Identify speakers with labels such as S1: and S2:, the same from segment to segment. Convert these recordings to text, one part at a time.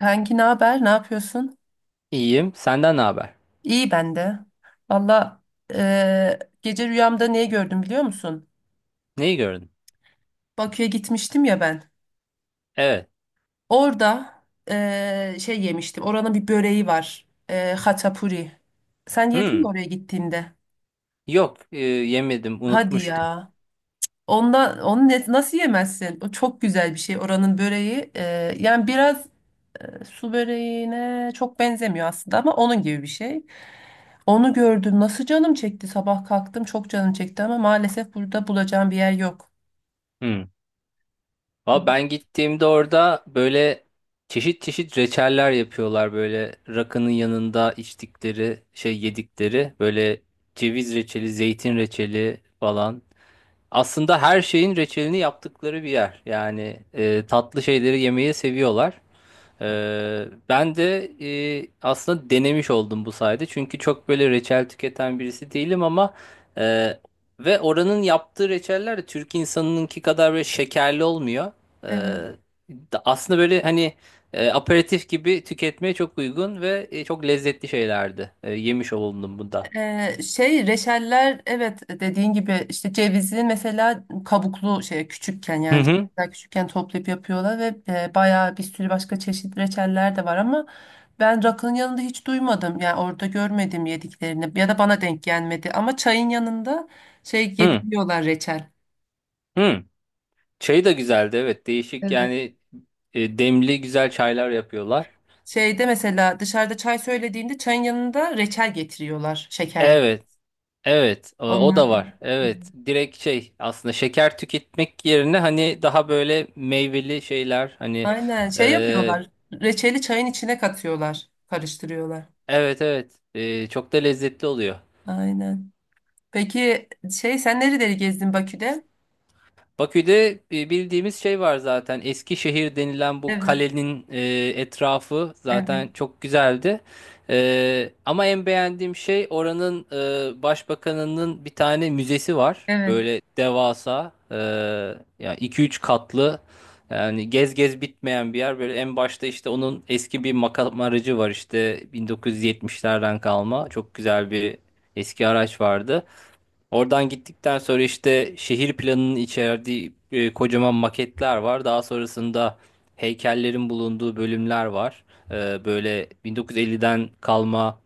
S1: Kanki ne haber? Ne yapıyorsun?
S2: İyiyim. Senden ne haber?
S1: İyi ben de. Valla gece rüyamda neyi gördüm biliyor musun?
S2: Neyi gördün?
S1: Bakü'ye gitmiştim ya ben.
S2: Evet.
S1: Orada şey yemiştim. Oranın bir böreği var. Haçapuri. Sen yedin
S2: Hmm.
S1: mi oraya gittiğinde?
S2: Yok, yemedim,
S1: Hadi
S2: unutmuştum.
S1: ya. Onu nasıl yemezsin? O çok güzel bir şey oranın böreği. Yani biraz. Su böreğine çok benzemiyor aslında ama onun gibi bir şey. Onu gördüm. Nasıl canım çekti sabah kalktım. Çok canım çekti ama maalesef burada bulacağım bir yer yok.
S2: Hmm. Valla ben gittiğimde orada böyle çeşit çeşit reçeller yapıyorlar, böyle rakının yanında içtikleri, şey yedikleri böyle ceviz reçeli, zeytin reçeli falan. Aslında her şeyin reçelini yaptıkları bir yer. Yani tatlı şeyleri yemeyi seviyorlar. Ben de aslında denemiş oldum bu sayede. Çünkü çok böyle reçel tüketen birisi değilim ama e, ve oranın yaptığı reçeller de Türk insanınınki kadar böyle şekerli olmuyor. Ee,
S1: Evet.
S2: Aslında böyle hani aperatif gibi tüketmeye çok uygun ve çok lezzetli şeylerdi. Yemiş oldum bu da.
S1: Şey reçeller, evet, dediğin gibi işte cevizi mesela kabuklu şey küçükken,
S2: Hı
S1: yani
S2: hı.
S1: cevizler küçükken toplayıp yapıyorlar ve bayağı bir sürü başka çeşit reçeller de var ama ben rakının yanında hiç duymadım, yani orada görmedim yediklerini ya da bana denk gelmedi, ama çayın yanında şey
S2: Hı
S1: getiriyorlar, reçel.
S2: hı. Çayı da güzeldi, evet, değişik,
S1: Evet.
S2: yani demli güzel çaylar yapıyorlar.
S1: Şeyde mesela dışarıda çay söylediğinde çayın yanında reçel getiriyorlar, şeker.
S2: Evet. Evet, o o
S1: Onlar.
S2: da var. Evet, direkt şey aslında şeker tüketmek yerine, hani daha böyle meyveli şeyler, hani
S1: Aynen şey
S2: e,
S1: yapıyorlar. Reçeli çayın içine katıyorlar. Karıştırıyorlar.
S2: evet evet, çok da lezzetli oluyor.
S1: Aynen. Peki şey, sen nereleri gezdin Bakü'de?
S2: Bakü'de bildiğimiz şey var zaten. Eskişehir denilen bu
S1: Evet.
S2: kalenin etrafı
S1: Evet.
S2: zaten çok güzeldi. Ama en beğendiğim şey, oranın başbakanının bir tane müzesi var.
S1: Evet.
S2: Böyle devasa, yani 2-3 katlı. Yani gez gez bitmeyen bir yer. Böyle en başta işte onun eski bir makam aracı var, işte 1970'lerden kalma. Çok güzel bir eski araç vardı. Oradan gittikten sonra işte şehir planının içerdiği kocaman maketler var. Daha sonrasında heykellerin bulunduğu bölümler var. Böyle 1950'den kalma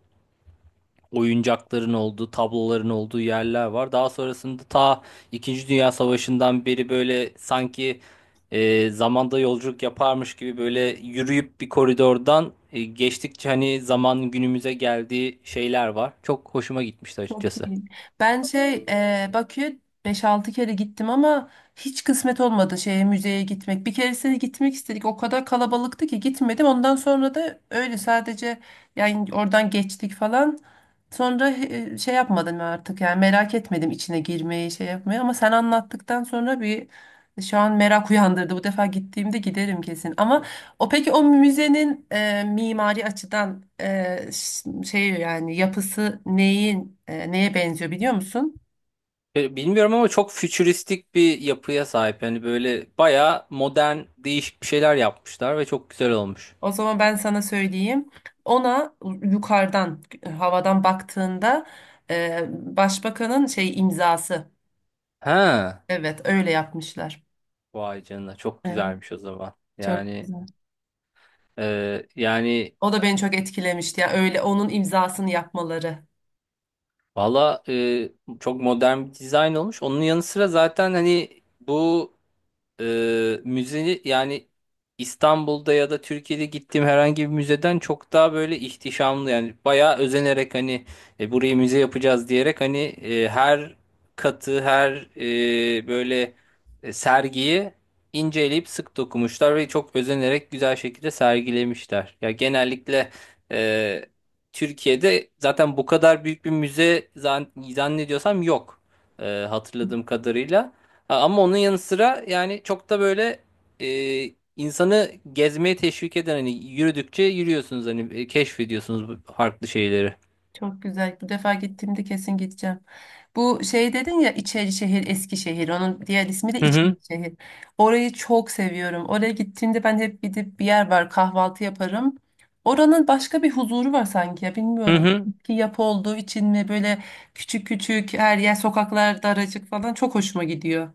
S2: oyuncakların olduğu, tabloların olduğu yerler var. Daha sonrasında ta İkinci Dünya Savaşı'ndan beri böyle, sanki zamanda yolculuk yaparmış gibi böyle yürüyüp bir koridordan geçtikçe hani zaman günümüze geldiği şeyler var. Çok hoşuma gitmişti
S1: Çok
S2: açıkçası.
S1: iyi. Ben şey, Bakü'ye 5-6 kere gittim ama hiç kısmet olmadı şeye, müzeye gitmek. Bir keresine gitmek istedik. O kadar kalabalıktı ki gitmedim. Ondan sonra da öyle sadece, yani oradan geçtik falan. Sonra şey yapmadım artık, yani merak etmedim içine girmeyi, şey yapmayı, ama sen anlattıktan sonra bir şu an merak uyandırdı. Bu defa gittiğimde giderim kesin. Ama o, peki o müzenin mimari açıdan şey, yani yapısı neyin, neye benziyor biliyor musun?
S2: Bilmiyorum ama çok fütüristik bir yapıya sahip. Yani böyle bayağı modern, değişik bir şeyler yapmışlar ve çok güzel olmuş.
S1: O zaman ben sana söyleyeyim. Ona yukarıdan havadan baktığında başbakanın şey imzası.
S2: Ha,
S1: Evet, öyle yapmışlar.
S2: vay canına, çok
S1: Evet,
S2: güzelmiş o zaman.
S1: çok
S2: Yani
S1: güzel.
S2: e, yani
S1: O da beni çok etkilemişti. Yani öyle onun imzasını yapmaları.
S2: valla, çok modern bir dizayn olmuş. Onun yanı sıra zaten hani bu müze, yani İstanbul'da ya da Türkiye'de gittiğim herhangi bir müzeden çok daha böyle ihtişamlı, yani bayağı özenerek, hani burayı müze yapacağız diyerek, hani her katı, her böyle, sergiyi inceleyip sık dokumuşlar ve çok özenerek güzel şekilde sergilemişler. Ya genellikle e, Türkiye'de zaten bu kadar büyük bir müze zannediyorsam yok, e, hatırladığım kadarıyla. Ama onun yanı sıra, yani çok da böyle insanı gezmeye teşvik eden, hani yürüdükçe yürüyorsunuz, hani keşfediyorsunuz bu farklı şeyleri.
S1: Çok güzel. Bu defa gittiğimde kesin gideceğim. Bu şey dedin ya, Şehir, Eskişehir. Onun diğer ismi de
S2: Hı hı.
S1: şehir. Orayı çok seviyorum. Oraya gittiğimde ben hep gidip bir yer var, kahvaltı yaparım. Oranın başka bir huzuru var sanki ya,
S2: Hı
S1: bilmiyorum.
S2: hı.
S1: Ki yapı olduğu için mi böyle küçük küçük, her yer sokaklar daracık falan, çok hoşuma gidiyor.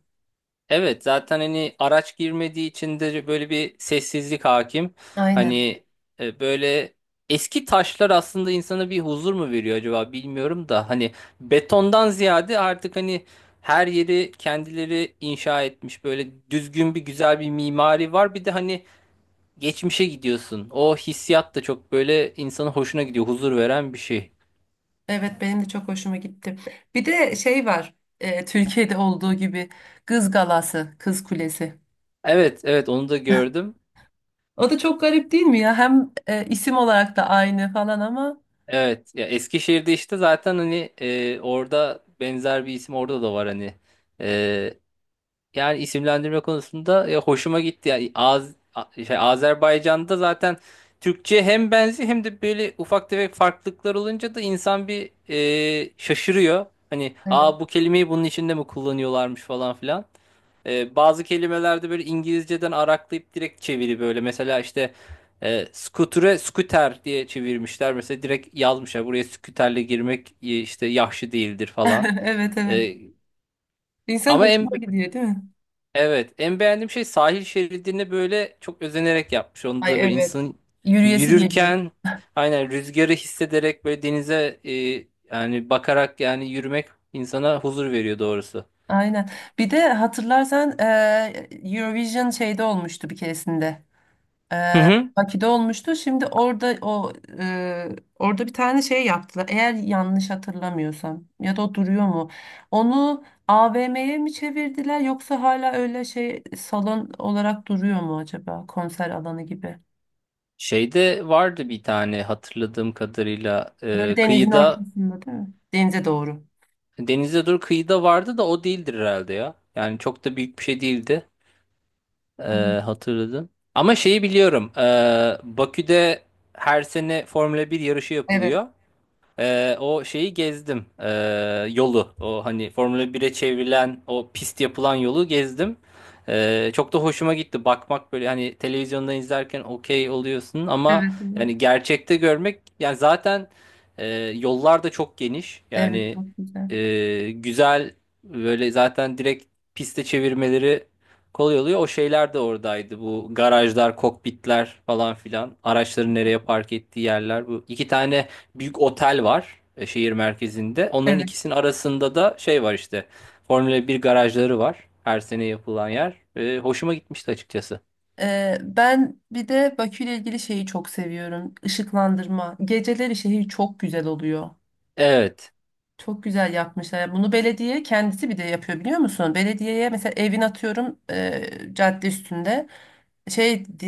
S2: Evet, zaten hani araç girmediği için de böyle bir sessizlik hakim.
S1: Aynen.
S2: Hani böyle eski taşlar aslında insana bir huzur mu veriyor acaba bilmiyorum da, hani betondan ziyade artık, hani her yeri kendileri inşa etmiş, böyle düzgün bir, güzel bir mimari var. Bir de hani geçmişe gidiyorsun. O hissiyat da çok böyle insanın hoşuna gidiyor, huzur veren bir şey.
S1: Evet, benim de çok hoşuma gitti. Bir de şey var. Türkiye'de olduğu gibi Kız Galası, Kız Kulesi.
S2: Evet, evet, onu da gördüm.
S1: O da çok garip değil mi ya? Hem isim olarak da aynı falan, ama
S2: Evet, ya Eskişehir'de işte zaten hani orada benzer bir isim, orada da var hani. E, Yani isimlendirme konusunda ya hoşuma gitti. Yani şey, Azerbaycan'da zaten Türkçe hem benzi hem de böyle ufak tefek farklılıklar olunca da insan bir şaşırıyor. Hani,
S1: evet.
S2: aa, bu kelimeyi bunun içinde mi kullanıyorlarmış falan filan. Bazı kelimelerde böyle İngilizceden araklayıp direkt çeviri böyle. Mesela işte scooter'e scooter diye çevirmişler. Mesela direkt yazmışlar, buraya scooter'le girmek işte yahşi değildir falan.
S1: Evet, evet.
S2: E,
S1: İnsan
S2: Ama
S1: hoşuna
S2: en,
S1: gidiyor değil mi?
S2: evet, en beğendiğim şey, sahil şeridini böyle çok özenerek yapmış. Onda
S1: Ay,
S2: da böyle
S1: evet.
S2: insanın
S1: Yürüyesi geliyor.
S2: yürürken aynen rüzgarı hissederek, böyle denize yani bakarak, yani yürümek insana huzur veriyor doğrusu.
S1: Aynen. Bir de hatırlarsan Eurovision şeyde olmuştu bir keresinde.
S2: Hı hı.
S1: Bakü'de olmuştu. Şimdi orada o, e, orada bir tane şey yaptılar. Eğer yanlış hatırlamıyorsam, ya da o duruyor mu? Onu AVM'ye mi çevirdiler, yoksa hala öyle şey, salon olarak duruyor mu acaba, konser alanı gibi?
S2: Şeyde vardı bir tane, hatırladığım kadarıyla
S1: Böyle denizin
S2: kıyıda,
S1: ortasında değil mi? Denize doğru.
S2: denize dur, kıyıda vardı da o değildir herhalde ya. Yani çok da büyük bir şey değildi, e, hatırladım. Ama şeyi biliyorum, Bakü'de her sene Formula 1 yarışı
S1: Evet.
S2: yapılıyor. O şeyi gezdim. Yolu. O hani Formula bire çevrilen o pist yapılan yolu gezdim. Çok da hoşuma gitti. Bakmak böyle, hani televizyonda izlerken okey oluyorsun
S1: Evet.
S2: ama
S1: Evet.
S2: yani gerçekte görmek, yani zaten e, yollar da çok geniş.
S1: Evet,
S2: Yani
S1: çok güzel.
S2: güzel, böyle zaten direkt piste çevirmeleri kolay oluyor. O şeyler de oradaydı. Bu garajlar, kokpitler falan filan. Araçların nereye park ettiği yerler. Bu iki tane büyük otel var şehir merkezinde. Onların
S1: Evet.
S2: ikisinin arasında da şey var işte. Formula 1 garajları var. Her sene yapılan yer. Hoşuma gitmişti açıkçası.
S1: Ben bir de Bakü ile ilgili şeyi çok seviyorum. Işıklandırma. Geceleri şehir çok güzel oluyor.
S2: Evet.
S1: Çok güzel yapmışlar. Yani bunu belediye kendisi bir de yapıyor biliyor musun? Belediyeye mesela evin, atıyorum, cadde üstünde şey di-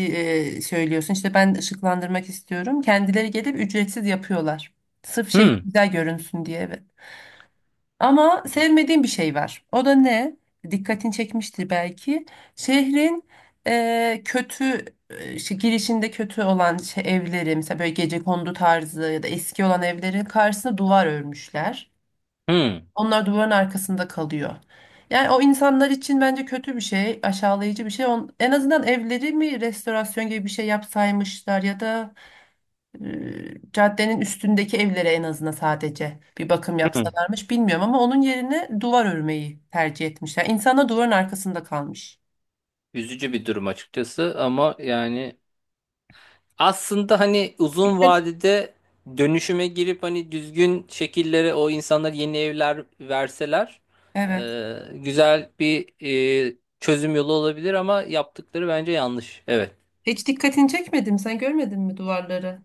S1: söylüyorsun işte ben ışıklandırmak istiyorum. Kendileri gelip ücretsiz yapıyorlar. Sırf şehir
S2: Hmm.
S1: güzel görünsün diye. Evet. Ama sevmediğim bir şey var. O da ne? Dikkatini çekmiştir belki. Şehrin kötü, girişinde kötü olan şey, evleri mesela böyle gecekondu tarzı ya da eski olan evlerin karşısına duvar örmüşler.
S2: Hmm.
S1: Onlar duvarın arkasında kalıyor. Yani o insanlar için bence kötü bir şey, aşağılayıcı bir şey. En azından evleri mi restorasyon gibi bir şey yapsaymışlar, ya da caddenin üstündeki evlere en azından sadece bir bakım
S2: Hmm.
S1: yapsalarmış, bilmiyorum, ama onun yerine duvar örmeyi tercih etmişler. İnsanlar duvarın arkasında kalmış.
S2: Üzücü bir durum açıkçası, ama yani aslında hani uzun vadede dönüşüme girip, hani düzgün şekillere, o insanlara yeni evler verseler
S1: Evet.
S2: güzel bir, çözüm yolu olabilir, ama yaptıkları bence yanlış. Evet.
S1: Hiç dikkatini çekmedim. Sen görmedin mi duvarları?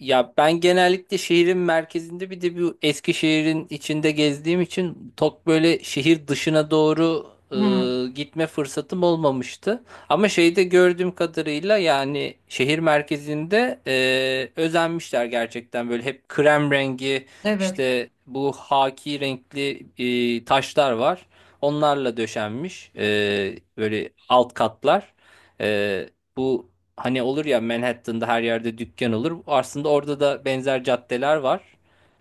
S2: Ya ben genellikle şehrin merkezinde, bir de bu Eskişehir'in içinde gezdiğim için çok böyle şehir dışına doğru
S1: Hı.
S2: gitme fırsatım olmamıştı. Ama şeyde gördüğüm kadarıyla, yani şehir merkezinde özenmişler gerçekten, böyle hep krem rengi,
S1: Evet.
S2: işte bu haki renkli taşlar var. Onlarla döşenmiş böyle alt katlar. E, bu Hani olur ya, Manhattan'da her yerde dükkan olur. Aslında orada da benzer caddeler var.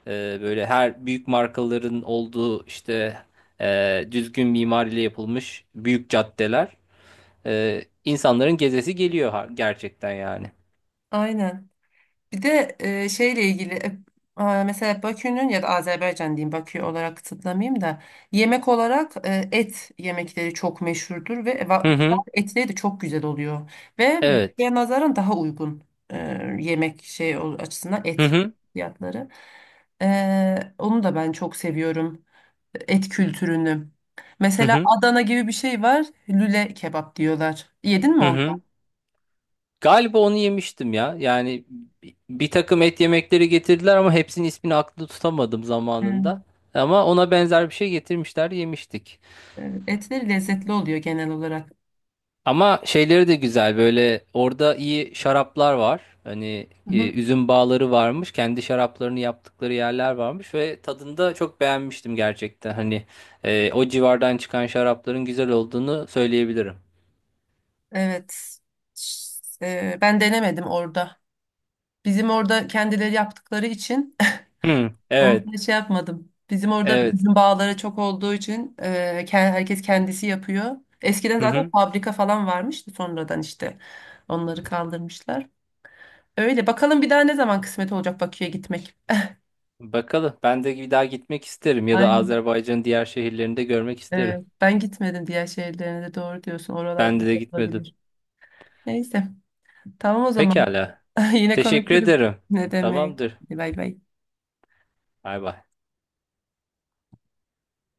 S2: Böyle her büyük markaların olduğu, işte düzgün mimariyle yapılmış büyük caddeler. İnsanların gezesi geliyor gerçekten yani.
S1: Aynen. Bir de e, şeyle ilgili e, e, mesela Bakü'nün ya da Azerbaycan diyeyim, Bakü olarak kısıtlamayayım da, yemek olarak et yemekleri çok meşhurdur ve
S2: Hı hı.
S1: etleri de çok güzel oluyor. Ve
S2: Evet.
S1: buraya nazaran daha uygun, e, açısından
S2: Hı
S1: et
S2: hı.
S1: fiyatları. Onu da ben çok seviyorum, et kültürünü.
S2: Hı
S1: Mesela
S2: hı.
S1: Adana gibi bir şey var, lüle kebap diyorlar. Yedin mi
S2: Hı
S1: onu?
S2: hı. Galiba onu yemiştim ya. Yani bir takım et yemekleri getirdiler ama hepsinin ismini aklımda tutamadım
S1: Evet.
S2: zamanında. Ama ona benzer bir şey getirmişler, yemiştik.
S1: Evet, etleri lezzetli oluyor genel olarak.
S2: Ama şeyleri de güzel, böyle orada iyi şaraplar var. Hani üzüm bağları varmış. Kendi şaraplarını yaptıkları yerler varmış ve tadında çok beğenmiştim gerçekten. Hani o civardan çıkan şarapların güzel olduğunu söyleyebilirim.
S1: Evet. Ş- Ben denemedim orada. Bizim orada kendileri yaptıkları için
S2: Hı, evet,
S1: orada şey yapmadım. Bizim orada da
S2: evet.
S1: üzüm bağları çok olduğu için, herkes kendisi yapıyor. Eskiden
S2: Hı
S1: zaten
S2: hı.
S1: fabrika falan varmıştı, sonradan işte onları kaldırmışlar. Öyle bakalım, bir daha ne zaman kısmet olacak Bakü'ye gitmek.
S2: Bakalım. Ben de bir daha gitmek isterim ya da
S1: Aynen.
S2: Azerbaycan'ın diğer şehirlerinde görmek isterim.
S1: Evet, ben gitmedim diğer şehirlerine de, doğru diyorsun. Oralarda
S2: Ben de
S1: güzel
S2: gitmedim.
S1: olabilir. Neyse, tamam o zaman.
S2: Pekala.
S1: Yine
S2: Teşekkür
S1: konuşuruz.
S2: ederim.
S1: Ne demek.
S2: Tamamdır.
S1: Hadi, bay bay.
S2: Bay bay.